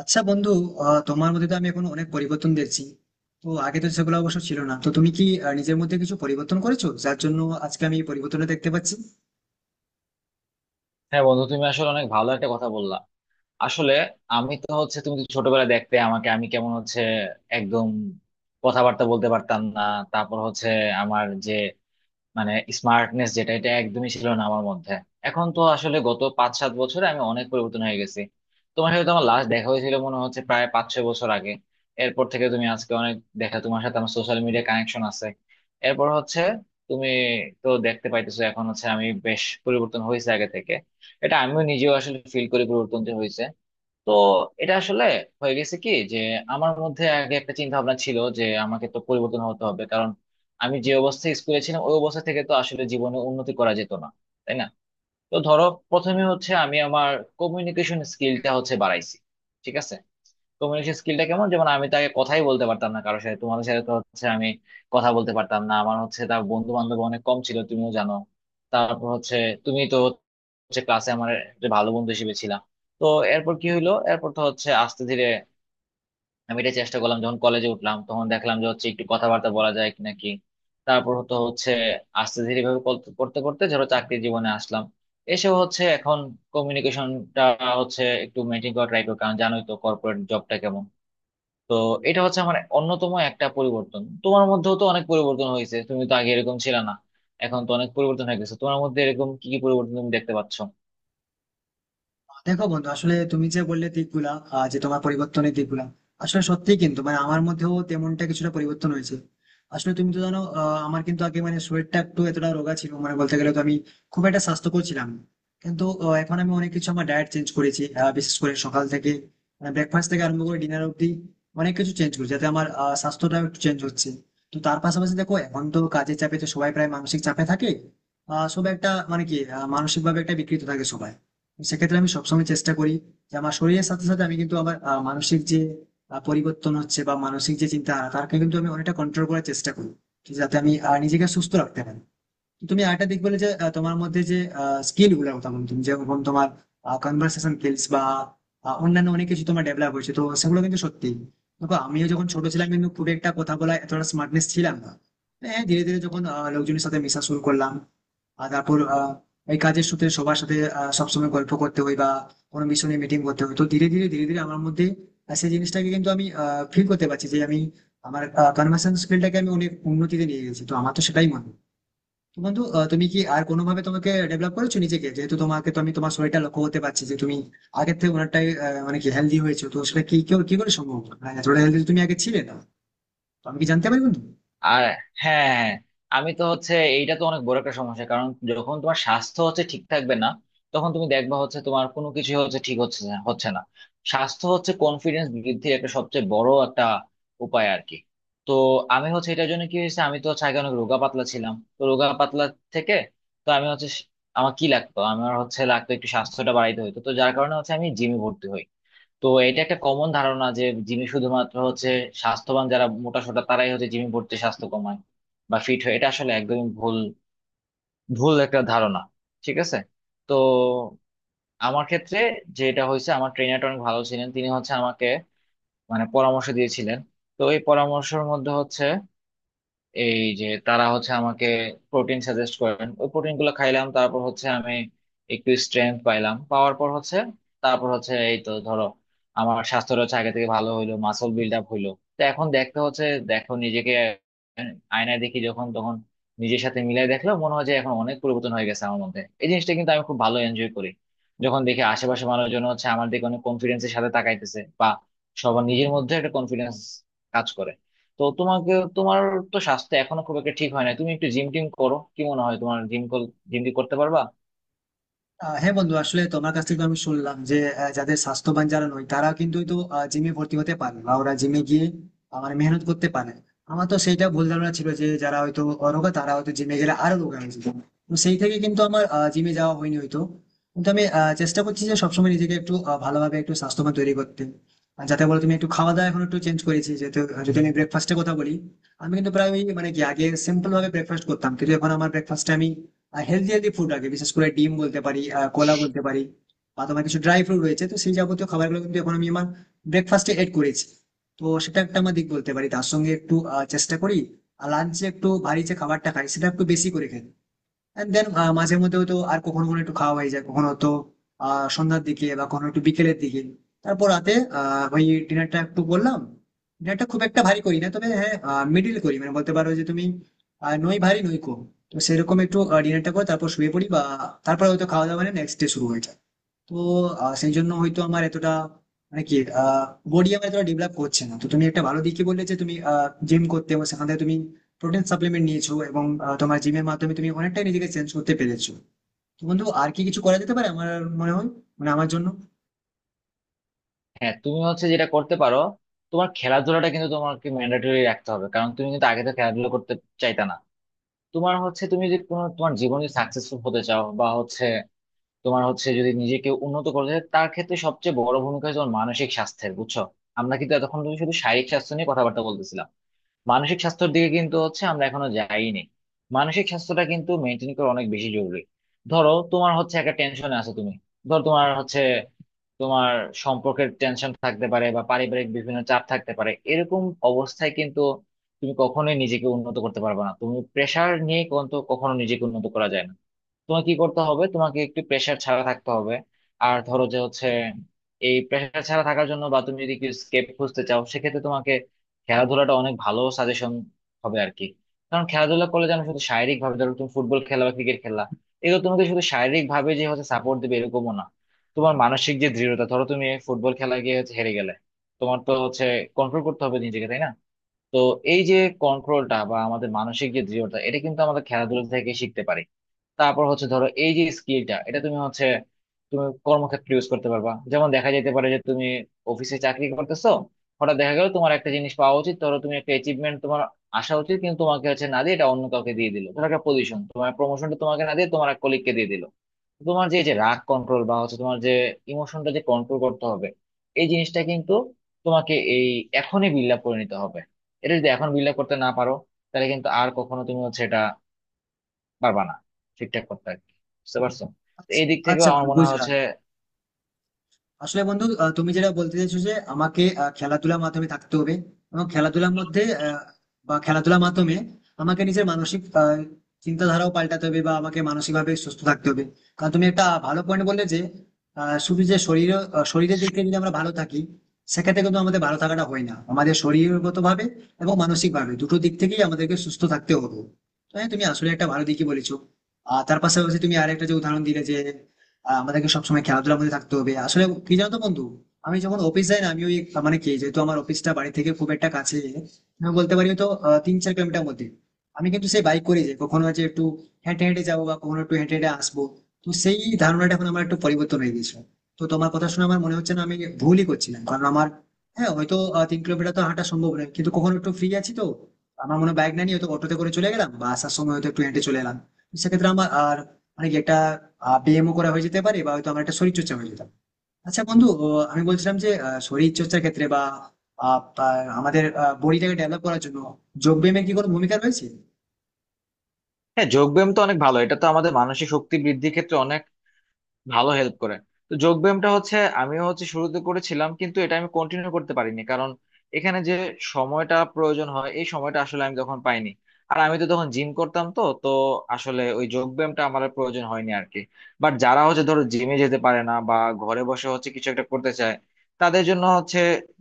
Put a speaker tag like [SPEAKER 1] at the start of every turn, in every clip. [SPEAKER 1] আচ্ছা বন্ধু, তোমার মধ্যে তো আমি এখন অনেক পরিবর্তন দেখছি। তো আগে তো সেগুলো অবশ্য ছিল না, তো তুমি কি নিজের মধ্যে কিছু পরিবর্তন করেছো যার জন্য আজকে আমি এই পরিবর্তনটা দেখতে পাচ্ছি?
[SPEAKER 2] হ্যাঁ বন্ধু, তুমি আসলে অনেক ভালো একটা কথা বললা। আসলে আমি তো হচ্ছে তুমি তো ছোটবেলায় দেখতে আমাকে, আমি কেমন একদম কথাবার্তা বলতে পারতাম না। তারপর আমার যে মানে স্মার্টনেস, যেটা এটা একদমই ছিল না আমার মধ্যে। এখন তো আসলে গত 5-7 বছরে আমি অনেক পরিবর্তন হয়ে গেছি। তোমার সাথে তো আমার লাস্ট দেখা হয়েছিল মনে হচ্ছে প্রায় 5-6 বছর আগে। এরপর থেকে তুমি আজকে অনেক দেখা, তোমার সাথে আমার সোশ্যাল মিডিয়া কানেকশন আছে। এরপর তুমি তো দেখতে পাইতেছো এখন আমি বেশ পরিবর্তন হয়েছে আগে থেকে। এটা আমিও নিজেও আসলে ফিল করি পরিবর্তন হয়েছে। তো এটা আসলে হয়ে গেছে কি, যে আমার মধ্যে আগে একটা চিন্তা ভাবনা ছিল যে আমাকে তো পরিবর্তন হতে হবে, কারণ আমি যে অবস্থায় স্কুলে ছিলাম ওই অবস্থা থেকে তো আসলে জীবনে উন্নতি করা যেত না, তাই না? তো ধরো, প্রথমে আমি আমার কমিউনিকেশন স্কিলটা বাড়াইছি। ঠিক আছে? কমিউনিকেশন স্কিলটা কেমন, যেমন আমি তাকে কথাই বলতে পারতাম না কারোর সাথে, তোমাদের সাথে তো আমি কথা বলতে পারতাম না। আমার তার বন্ধু বান্ধব অনেক কম ছিল, তুমিও জানো। তারপর তুমি তো ক্লাসে আমার একটা ভালো বন্ধু হিসেবে ছিলাম। তো এরপর কি হলো, এরপর তো আস্তে ধীরে আমি এটা চেষ্টা করলাম, যখন কলেজে উঠলাম তখন দেখলাম যে একটু কথাবার্তা বলা যায় কি নাকি। তারপর তো হচ্ছে আস্তে ধীরে ভাবে করতে করতে ধরো চাকরি জীবনে আসলাম। এসব এখন কমিউনিকেশনটা একটু মেনটেন করা ট্রাই করি, কারণ জানোই তো কর্পোরেট জবটা কেমন। তো এটা আমার অন্যতম একটা পরিবর্তন। তোমার মধ্যেও তো অনেক পরিবর্তন হয়েছে, তুমি তো আগে এরকম ছিল না, এখন তো অনেক পরিবর্তন হয়ে গেছে তোমার মধ্যে। এরকম কি কি পরিবর্তন তুমি দেখতে পাচ্ছ?
[SPEAKER 1] দেখো বন্ধু, আসলে তুমি যে বললে দিকগুলা, যে তোমার পরিবর্তনের দিকগুলা আসলে সত্যি, কিন্তু মানে আমার মধ্যেও তেমনটা কিছুটা পরিবর্তন হয়েছে। আসলে তুমি তো জানো, আমার কিন্তু আগে মানে শরীরটা একটু এতটা রোগা ছিল, মানে বলতে গেলে তো আমি খুব একটা স্বাস্থ্যকর ছিলাম না। কিন্তু এখন আমি অনেক কিছু আমার ডায়েট চেঞ্জ করেছি, বিশেষ করে সকাল থেকে ব্রেকফাস্ট থেকে আরম্ভ করে ডিনার অব্দি অনেক কিছু চেঞ্জ করেছি, যাতে আমার স্বাস্থ্যটাও একটু চেঞ্জ হচ্ছে। তো তার পাশাপাশি দেখো, এখন তো কাজের চাপে তো সবাই প্রায় মানসিক চাপে থাকে। সব একটা মানে কি মানসিক ভাবে একটা বিকৃত থাকে সবাই। সেক্ষেত্রে আমি সবসময় চেষ্টা করি যে আমার শরীরের সাথে সাথে আমি কিন্তু আমার মানসিক যে পরিবর্তন হচ্ছে বা মানসিক যে চিন্তা তারকে কিন্তু আমি অনেকটা কন্ট্রোল করার চেষ্টা করি, যাতে আমি নিজেকে সুস্থ রাখতে পারি। তুমি আরেকটা দিক বলে যে তোমার মধ্যে যে স্কিল গুলোর কথা বলছো, তুমি যেরকম তোমার কনভার্সেশন স্কিলস বা অন্যান্য অনেক কিছু তোমার ডেভেলপ হয়েছে, তো সেগুলো কিন্তু সত্যি। দেখো, আমিও যখন ছোট ছিলাম কিন্তু খুব একটা কথা বলা, এতটা স্মার্টনেস ছিলাম না। হ্যাঁ, ধীরে ধীরে যখন লোকজনের সাথে মেশা শুরু করলাম, আর তারপর এই কাজের সূত্রে সবার সাথে সবসময় গল্প করতে হয় বা কোনো মিশনে মিটিং করতে হয়, তো ধীরে ধীরে আমার মধ্যে সেই জিনিসটাকে কিন্তু আমি ফিল করতে পারছি যে আমি আমার কনভার্সেশন স্কিলটাকে আমি অনেক উন্নতিতে নিয়ে গেছি। তো আমার তো সেটাই মনে হয়। তো বন্ধু, তুমি কি আর কোনোভাবে তোমাকে ডেভেলপ করেছো নিজেকে? যেহেতু তোমাকে তো আমি, তোমার শরীরটা লক্ষ্য করতে পারছি যে তুমি আগের থেকে অনেকটাই মানে কি হেলদি হয়েছো, তো সেটা কি কি করে সম্ভব? মানে এতটা হেলদি তুমি আগে ছিলে না। তো আমি কি জানতে পারি বন্ধু?
[SPEAKER 2] আর হ্যাঁ, হ্যাঁ। আমি তো হচ্ছে এইটা তো অনেক বড় একটা সমস্যা, কারণ যখন তোমার স্বাস্থ্য ঠিক থাকবে না, তখন তুমি দেখবা তোমার কোনো কিছু ঠিক হচ্ছে না। স্বাস্থ্য কনফিডেন্স বৃদ্ধির একটা সবচেয়ে বড় একটা উপায় আর কি। তো আমি এটার জন্য কি হয়েছে, আমি তো হচ্ছে আগে অনেক রোগা পাতলা ছিলাম। তো রোগা পাতলা থেকে তো আমি হচ্ছে স- আমার কি লাগতো, আমার লাগতো একটু স্বাস্থ্যটা বাড়াইতে হতো। তো যার কারণে আমি জিমে ভর্তি হই। তো এটা একটা কমন ধারণা যে জিমে শুধুমাত্র স্বাস্থ্যবান যারা মোটা সোটা তারাই জিমে ভর্তি স্বাস্থ্য কমায় বা ফিট হয়। এটা আসলে একদমই ভুল ভুল একটা ধারণা। ঠিক আছে? তো আমার ক্ষেত্রে যেটা হয়েছে, আমার ট্রেনারটা অনেক ভালো ছিলেন, তিনি আমাকে পরামর্শ দিয়েছিলেন। তো এই পরামর্শের মধ্যে এই যে তারা আমাকে প্রোটিন সাজেস্ট করেন, ওই প্রোটিন গুলো খাইলাম। তারপর আমি একটু স্ট্রেংথ পাইলাম। পাওয়ার পর হচ্ছে তারপর হচ্ছে এই তো ধরো আমার স্বাস্থ্যটা আগে থেকে ভালো হইলো, মাসল বিল্ড আপ হইলো। তো এখন দেখতে দেখো নিজেকে, আয়নায় দেখি যখন, তখন নিজের সাথে মিলাই দেখলো মনে হয় যে এখন অনেক পরিবর্তন হয়ে গেছে আমার মধ্যে। এই জিনিসটা কিন্তু আমি খুব ভালো এনজয় করি, যখন দেখি আশেপাশে মানুষজন আমার দিকে অনেক কনফিডেন্সের সাথে তাকাইতেছে, বা সবার নিজের মধ্যে একটা কনফিডেন্স কাজ করে। তো তোমাকে তোমার তো স্বাস্থ্য এখনো খুব একটা ঠিক হয় না, তুমি একটু জিম টিম করো? কি মনে হয় তোমার, জিম জিম টিম করতে পারবা?
[SPEAKER 1] হ্যাঁ বন্ধু, আসলে তোমার কাছ থেকে তো আমি শুনলাম যে যাদের স্বাস্থ্যবান যারা নয় তারা কিন্তু তো জিমে ভর্তি হতে পারে বা ওরা জিমে গিয়ে আমার মেহনত করতে পারে। আমার তো সেইটা ভুল ধারণা ছিল যে যারা হয়তো অরোগা তারা হয়তো জিমে গেলে আরো রোগা হয়ে যেত। তো সেই থেকে কিন্তু আমার জিমে যাওয়া হয়নি হয়তো। কিন্তু আমি চেষ্টা করছি যে সবসময় নিজেকে একটু ভালোভাবে একটু স্বাস্থ্যবান তৈরি করতে। আর যাতে বলো, তুমি একটু খাওয়া দাওয়া এখন একটু চেঞ্জ করেছি, যেহেতু যদি আমি ব্রেকফাস্টের কথা বলি, আমি কিন্তু প্রায় ওই মানে কি আগে সিম্পল ভাবে ব্রেকফাস্ট করতাম, কিন্তু এখন আমার ব্রেকফাস্টে আমি হেলদি হেলদি ফুড লাগে, বিশেষ করে ডিম বলতে পারি, কলা বলতে পারি, বা তোমার কিছু ড্রাই ফ্রুট রয়েছে, তো সেই যাবতীয় খাবারগুলো কিন্তু এখন আমি আমার ব্রেকফাস্টে এড করেছি। তো সেটা একটা আমার দিক বলতে পারি। তার সঙ্গে একটু চেষ্টা করি লাঞ্চে একটু ভারী যে খাবারটা খাই সেটা একটু বেশি করে খেতে। এন্ড দেন, মাঝে মধ্যেও তো আর কখনো কখনো একটু খাওয়া হয়ে যায় কখনো তো, সন্ধ্যার দিকে বা কখনো একটু বিকেলের দিকে। তারপর রাতে ওই ডিনারটা একটু বললাম, ডিনারটা খুব একটা ভারী করি না, তবে হ্যাঁ মিডিল করি, মানে বলতে পারো যে তুমি নই ভারী নই কম। তো সেরকম একটু ডিনারটা করে তারপর শুয়ে পড়ি, বা তারপর হয়তো খাওয়া দাওয়া মানে নেক্সট ডে শুরু হয়ে যায়। তো সেই জন্য হয়তো আমার এতটা মানে কি বডি আমার এতটা ডেভেলপ করছে না। তো তুমি একটা ভালো দিক কি বললে যে তুমি জিম করতে এবং সেখান থেকে তুমি প্রোটিন সাপ্লিমেন্ট নিয়েছো, এবং তোমার জিমের মাধ্যমে তুমি অনেকটাই নিজেকে চেঞ্জ করতে পেরেছো। তো বন্ধু, আর কি কিছু করা যেতে পারে, আমার মনে হয়, মানে আমার জন্য?
[SPEAKER 2] হ্যাঁ, তুমি যেটা করতে পারো, তোমার খেলাধুলাটা কিন্তু তোমাকে ম্যান্ডেটরি রাখতে হবে, কারণ তুমি কিন্তু আগে তো খেলাধুলা করতে চাইতা না। তোমার তুমি যদি কোনো তোমার জীবনে সাকসেসফুল হতে চাও, বা হচ্ছে তোমার হচ্ছে যদি নিজেকে উন্নত করতে চাও, তার ক্ষেত্রে সবচেয়ে বড় ভূমিকা তোমার মানসিক স্বাস্থ্যের, বুঝছো? আমরা কিন্তু এতক্ষণ ধরে শুধু শারীরিক স্বাস্থ্য নিয়ে কথাবার্তা বলতেছিলাম, মানসিক স্বাস্থ্যের দিকে কিন্তু আমরা এখনো যাইনি। মানসিক স্বাস্থ্যটা কিন্তু মেনটেন করা অনেক বেশি জরুরি। ধরো তোমার একটা টেনশনে আছো তুমি, ধরো তোমার সম্পর্কের টেনশন থাকতে পারে, বা পারিবারিক বিভিন্ন চাপ থাকতে পারে, এরকম অবস্থায় কিন্তু তুমি কখনোই নিজেকে উন্নত করতে পারবে না। তুমি প্রেসার নিয়ে কিন্তু কখনো নিজেকে উন্নত করা যায় না। তোমাকে কি করতে হবে, তোমাকে একটু প্রেশার ছাড়া থাকতে হবে। আর ধরো যে এই প্রেশার ছাড়া থাকার জন্য, বা তুমি যদি স্কেপ খুঁজতে চাও, সেক্ষেত্রে তোমাকে খেলাধুলাটা অনেক ভালো সাজেশন হবে আর কি। কারণ খেলাধুলা করলে যেন শুধু শারীরিক ভাবে, ধরো তুমি ফুটবল খেলা বা ক্রিকেট খেলা, এগুলো তোমাকে শুধু শারীরিক ভাবে যে সাপোর্ট দেবে এরকমও না, তোমার মানসিক যে দৃঢ়তা, ধরো তুমি ফুটবল খেলা গিয়ে হেরে গেলে তোমার তো হচ্ছে কন্ট্রোল করতে হবে নিজেকে, তাই না? তো এই যে কন্ট্রোলটা, বা আমাদের মানসিক যে দৃঢ়তা, এটা কিন্তু আমাদের খেলাধুলা থেকে শিখতে পারি। তারপর ধরো এই যে স্কিলটা, এটা তুমি তুমি কর্মক্ষেত্রে ইউজ করতে পারবা। যেমন দেখা যেতে পারে যে তুমি অফিসে চাকরি করতেছো, হঠাৎ দেখা গেল তোমার একটা জিনিস পাওয়া উচিত, ধরো তুমি একটা অ্যাচিভমেন্ট তোমার আসা উচিত কিন্তু তোমাকে না দিয়ে এটা অন্য কাউকে দিয়ে দিল, ধরো একটা পজিশন তোমার প্রমোশনটা তোমাকে না দিয়ে তোমার এক কলিগকে দিয়ে দিল, তোমার যে এই যে রাগ কন্ট্রোল, বা তোমার যে ইমোশনটা যে কন্ট্রোল করতে হবে, এই জিনিসটা কিন্তু তোমাকে এখনই বিল্ড আপ করে নিতে হবে। এটা যদি এখন বিল্ড আপ করতে না পারো, তাহলে কিন্তু আর কখনো তুমি এটা পারবা না ঠিকঠাক করতে আর কি। বুঝতে পারছো? তো
[SPEAKER 1] আচ্ছা।
[SPEAKER 2] এই দিক থেকেও
[SPEAKER 1] আচ্ছা
[SPEAKER 2] আমার
[SPEAKER 1] বন্ধু,
[SPEAKER 2] মনে হয়
[SPEAKER 1] বুঝলাম।
[SPEAKER 2] হচ্ছে।
[SPEAKER 1] আসলে বন্ধু, তুমি যেটা বলতে চাইছো যে আমাকে খেলাধুলার মাধ্যমে থাকতে হবে, এবং খেলাধুলার মধ্যে বা খেলাধুলার মাধ্যমে আমাকে নিজের মানসিক চিন্তাধারাও পাল্টাতে হবে, বা আমাকে মানসিকভাবে সুস্থ থাকতে হবে। কারণ তুমি একটা ভালো পয়েন্ট বললে যে শুধু যে শরীর শরীরের দিক থেকে যদি আমরা ভালো থাকি, সেক্ষেত্রে কিন্তু আমাদের ভালো থাকাটা হয় না। আমাদের শরীরগত ভাবে এবং মানসিক ভাবে দুটো দিক থেকেই আমাদেরকে সুস্থ থাকতে হবে। তো হ্যাঁ, তুমি আসলে একটা ভালো দিকই বলেছো। আর তার পাশাপাশি তুমি আরেকটা যে উদাহরণ দিলে যে আমাদেরকে সবসময় খেলাধুলার মধ্যে থাকতে হবে। আসলে কি জানতো বন্ধু, আমি যখন অফিস যাই না, আমি ওই মানে কি, যেহেতু আমার অফিসটা বাড়ি থেকে খুব একটা কাছে, আমি বলতে পারি তো 3 4 কিলোমিটার মধ্যে, আমি কিন্তু সেই বাইক করে যাই, কখনো হচ্ছে একটু হেঁটে হেঁটে যাবো বা কখনো একটু হেঁটে হেঁটে আসবো। তো সেই ধারণাটা এখন আমার একটু পরিবর্তন হয়ে গেছে। তো তোমার কথা শুনে আমার মনে হচ্ছে না, আমি ভুলই করছিলাম, কারণ আমার হ্যাঁ হয়তো 3 কিলোমিটার তো হাঁটা সম্ভব নয়, কিন্তু কখনো একটু ফ্রি আছি তো আমার মনে হয় বাইক না নিয়ে হয়তো অটোতে করে চলে গেলাম, বা আসার সময় হয়তো একটু হেঁটে চলে এলাম। তো সেক্ষেত্রে আমার আর মানে কি একটা পিএমও করা হয়ে যেতে পারে, বা হয়তো আমার একটা শরীরচর্চা হয়ে যেতাম। আচ্ছা বন্ধু, আমি বলছিলাম যে শরীরচর্চার ক্ষেত্রে বা আহ, আমাদের বডিটাকে ডেভেলপ করার জন্য যোগ ব্যায়ামের কি কোনো ভূমিকা রয়েছে?
[SPEAKER 2] হ্যাঁ, যোগ ব্যায়াম তো অনেক ভালো, এটা তো আমাদের মানসিক শক্তি বৃদ্ধির ক্ষেত্রে অনেক ভালো হেল্প করে। তো যোগ ব্যায়ামটা আমিও শুরুতে করেছিলাম, কিন্তু এটা আমি কন্টিনিউ করতে পারিনি, কারণ এখানে যে সময়টা প্রয়োজন হয় এই সময়টা আসলে আমি তখন পাইনি। আর আমি তো তখন জিম করতাম, তো তো আসলে ওই যোগ ব্যায়ামটা আমার আর প্রয়োজন হয়নি আর কি। বাট যারা ধরো জিমে যেতে পারে না, বা ঘরে বসে কিছু একটা করতে চায়, তাদের জন্য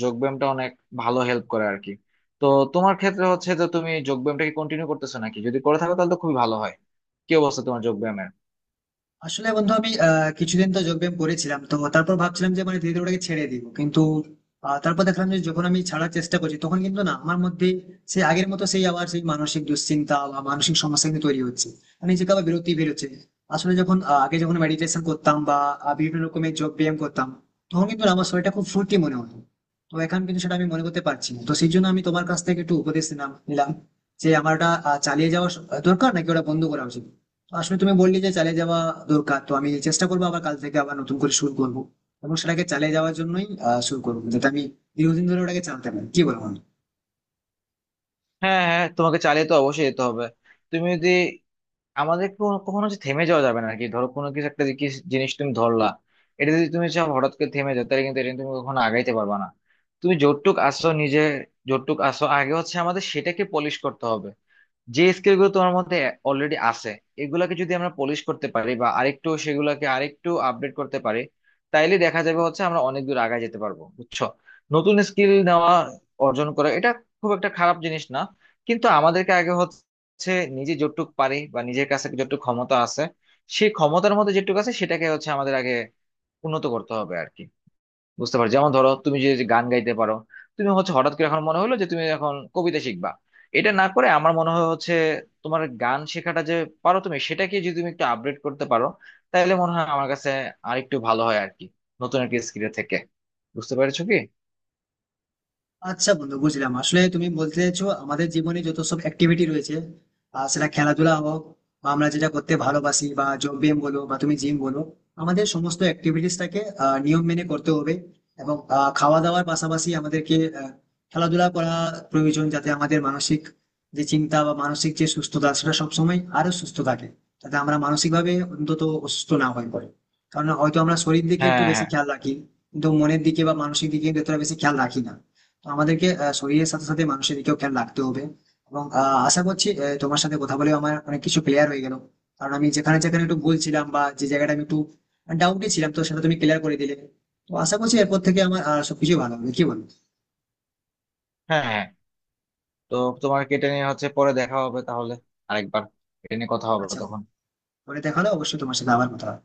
[SPEAKER 2] যোগ ব্যায়ামটা অনেক ভালো হেল্প করে আর কি। তো তোমার ক্ষেত্রে যে তুমি যোগ ব্যায়ামটাকে কন্টিনিউ করতেছো নাকি, যদি করে থাকো তাহলে তো খুবই ভালো হয়। কি অবস্থা তোমার যোগ ব্যায়ামের?
[SPEAKER 1] আসলে বন্ধু, আমি কিছুদিন তো যোগব্যায়াম করেছিলাম, তো তারপর ভাবছিলাম যে মানে ধীরে ধীরে ওটাকে ছেড়ে দিব, কিন্তু তারপর দেখলাম যে যখন আমি ছাড়ার চেষ্টা করছি তখন কিন্তু না, আমার মধ্যে সেই আগের মতো সেই আবার সেই মানসিক দুশ্চিন্তা বা মানসিক সমস্যা কিন্তু তৈরি হচ্ছে, মানে নিজেকে আবার বিরতি বেরোচ্ছে। আসলে যখন আগে যখন মেডিটেশন করতাম বা বিভিন্ন রকমের যোগ ব্যায়াম করতাম, তখন কিন্তু না আমার শরীরটা খুব ফুর্তি মনে হতো। তো এখন কিন্তু সেটা আমি মনে করতে পারছি না, তো সেই জন্য আমি তোমার কাছ থেকে একটু উপদেশ নিলাম নিলাম যে আমার ওটা চালিয়ে যাওয়া দরকার নাকি ওটা বন্ধ করা উচিত। আসলে তুমি বললে যে চালিয়ে যাওয়া দরকার, তো আমি চেষ্টা করবো আবার কাল থেকে আবার নতুন করে শুরু করবো, এবং সেটাকে চালিয়ে যাওয়ার জন্যই শুরু করবো, যাতে আমি দীর্ঘদিন ধরে ওটাকে চালাতে পারি, কি বলবো।
[SPEAKER 2] হ্যাঁ হ্যাঁ, তোমাকে চালিয়ে তো অবশ্যই যেতে হবে। তুমি যদি আমাদের কখনো থেমে যাওয়া যাবে না আর কি। ধরো কোনো কিছু একটা কিছু জিনিস তুমি ধরলা, এটা যদি তুমি চাও হঠাৎ করে থেমে যাও, তাহলে কিন্তু এটা নিয়ে তুমি কখনো আগাইতে পারবে না। তুমি যতটুক আসো নিজে যতটুক আসো আগে আমাদের সেটাকে পলিশ করতে হবে। যে স্কিল গুলো তোমার মধ্যে অলরেডি আছে, এগুলাকে যদি আমরা পলিশ করতে পারি, বা আরেকটু সেগুলাকে আরেকটু আপডেট করতে পারি, তাইলে দেখা যাবে আমরা অনেক দূর আগায় যেতে পারবো, বুঝছো? নতুন স্কিল নেওয়া অর্জন করা এটা খুব একটা খারাপ জিনিস না, কিন্তু আমাদেরকে আগে নিজে যতটুকু পারি বা নিজের কাছে যতটুকু ক্ষমতা আছে, সেই ক্ষমতার মধ্যে যেটুকু আছে সেটাকে আমাদের আগে উন্নত করতে হবে আর কি। বুঝতে পারো, যেমন ধরো তুমি যে যে গান গাইতে পারো, তুমি হঠাৎ করে এখন মনে হলো যে তুমি এখন কবিতা শিখবা, এটা না করে আমার মনে হয় তোমার গান শেখাটা যে পারো তুমি, সেটাকে যদি তুমি একটু আপডেট করতে পারো, তাহলে মনে হয় আমার কাছে আরেকটু ভালো হয় আর কি, নতুন একটা স্কিলের থেকে। বুঝতে পেরেছো কি?
[SPEAKER 1] আচ্ছা বন্ধু, বুঝলাম। আসলে তুমি বলতে চাইছো আমাদের জীবনে যত সব অ্যাক্টিভিটি রয়েছে, সেটা খেলাধুলা হোক, বা আমরা যেটা করতে ভালোবাসি, বা যোগ ব্যায়াম বলো বা তুমি জিম বলো, আমাদের সমস্ত অ্যাক্টিভিটিসটাকে নিয়ম মেনে করতে হবে। এবং খাওয়া দাওয়ার পাশাপাশি আমাদেরকে খেলাধুলা করা প্রয়োজন, যাতে আমাদের মানসিক যে চিন্তা বা মানসিক যে সুস্থতা সেটা সবসময় আরো সুস্থ থাকে, যাতে আমরা মানসিকভাবে অন্তত অসুস্থ না হয়ে পড়ে। কারণ হয়তো আমরা শরীর দিকে
[SPEAKER 2] হ্যাঁ
[SPEAKER 1] একটু বেশি
[SPEAKER 2] হ্যাঁ
[SPEAKER 1] খেয়াল রাখি, কিন্তু মনের দিকে বা মানসিক দিকে কিন্তু এতটা বেশি খেয়াল রাখি না। তো আমাদেরকে শরীরের সাথে সাথে মানুষের দিকেও খেয়াল রাখতে হবে। এবং আশা করছি তোমার সাথে কথা বলে আমার অনেক কিছু ক্লিয়ার হয়ে গেল, কারণ আমি যেখানে যেখানে একটু ভুল ছিলাম বা যে জায়গাটা আমি একটু ডাউটে ছিলাম, তো সেটা তুমি ক্লিয়ার করে দিলে। তো আশা করছি এরপর থেকে আমার সবকিছু ভালো হবে, কি বলো?
[SPEAKER 2] হ্যাঁ হ্যাঁ তো তোমার এটা নিয়ে পরে দেখা হবে তাহলে, আরেকবার এটা নিয়ে কথা হবে
[SPEAKER 1] আচ্ছা।
[SPEAKER 2] তখন।
[SPEAKER 1] বলে দেখালো অবশ্যই তোমার সাথে আবার কথা হবে।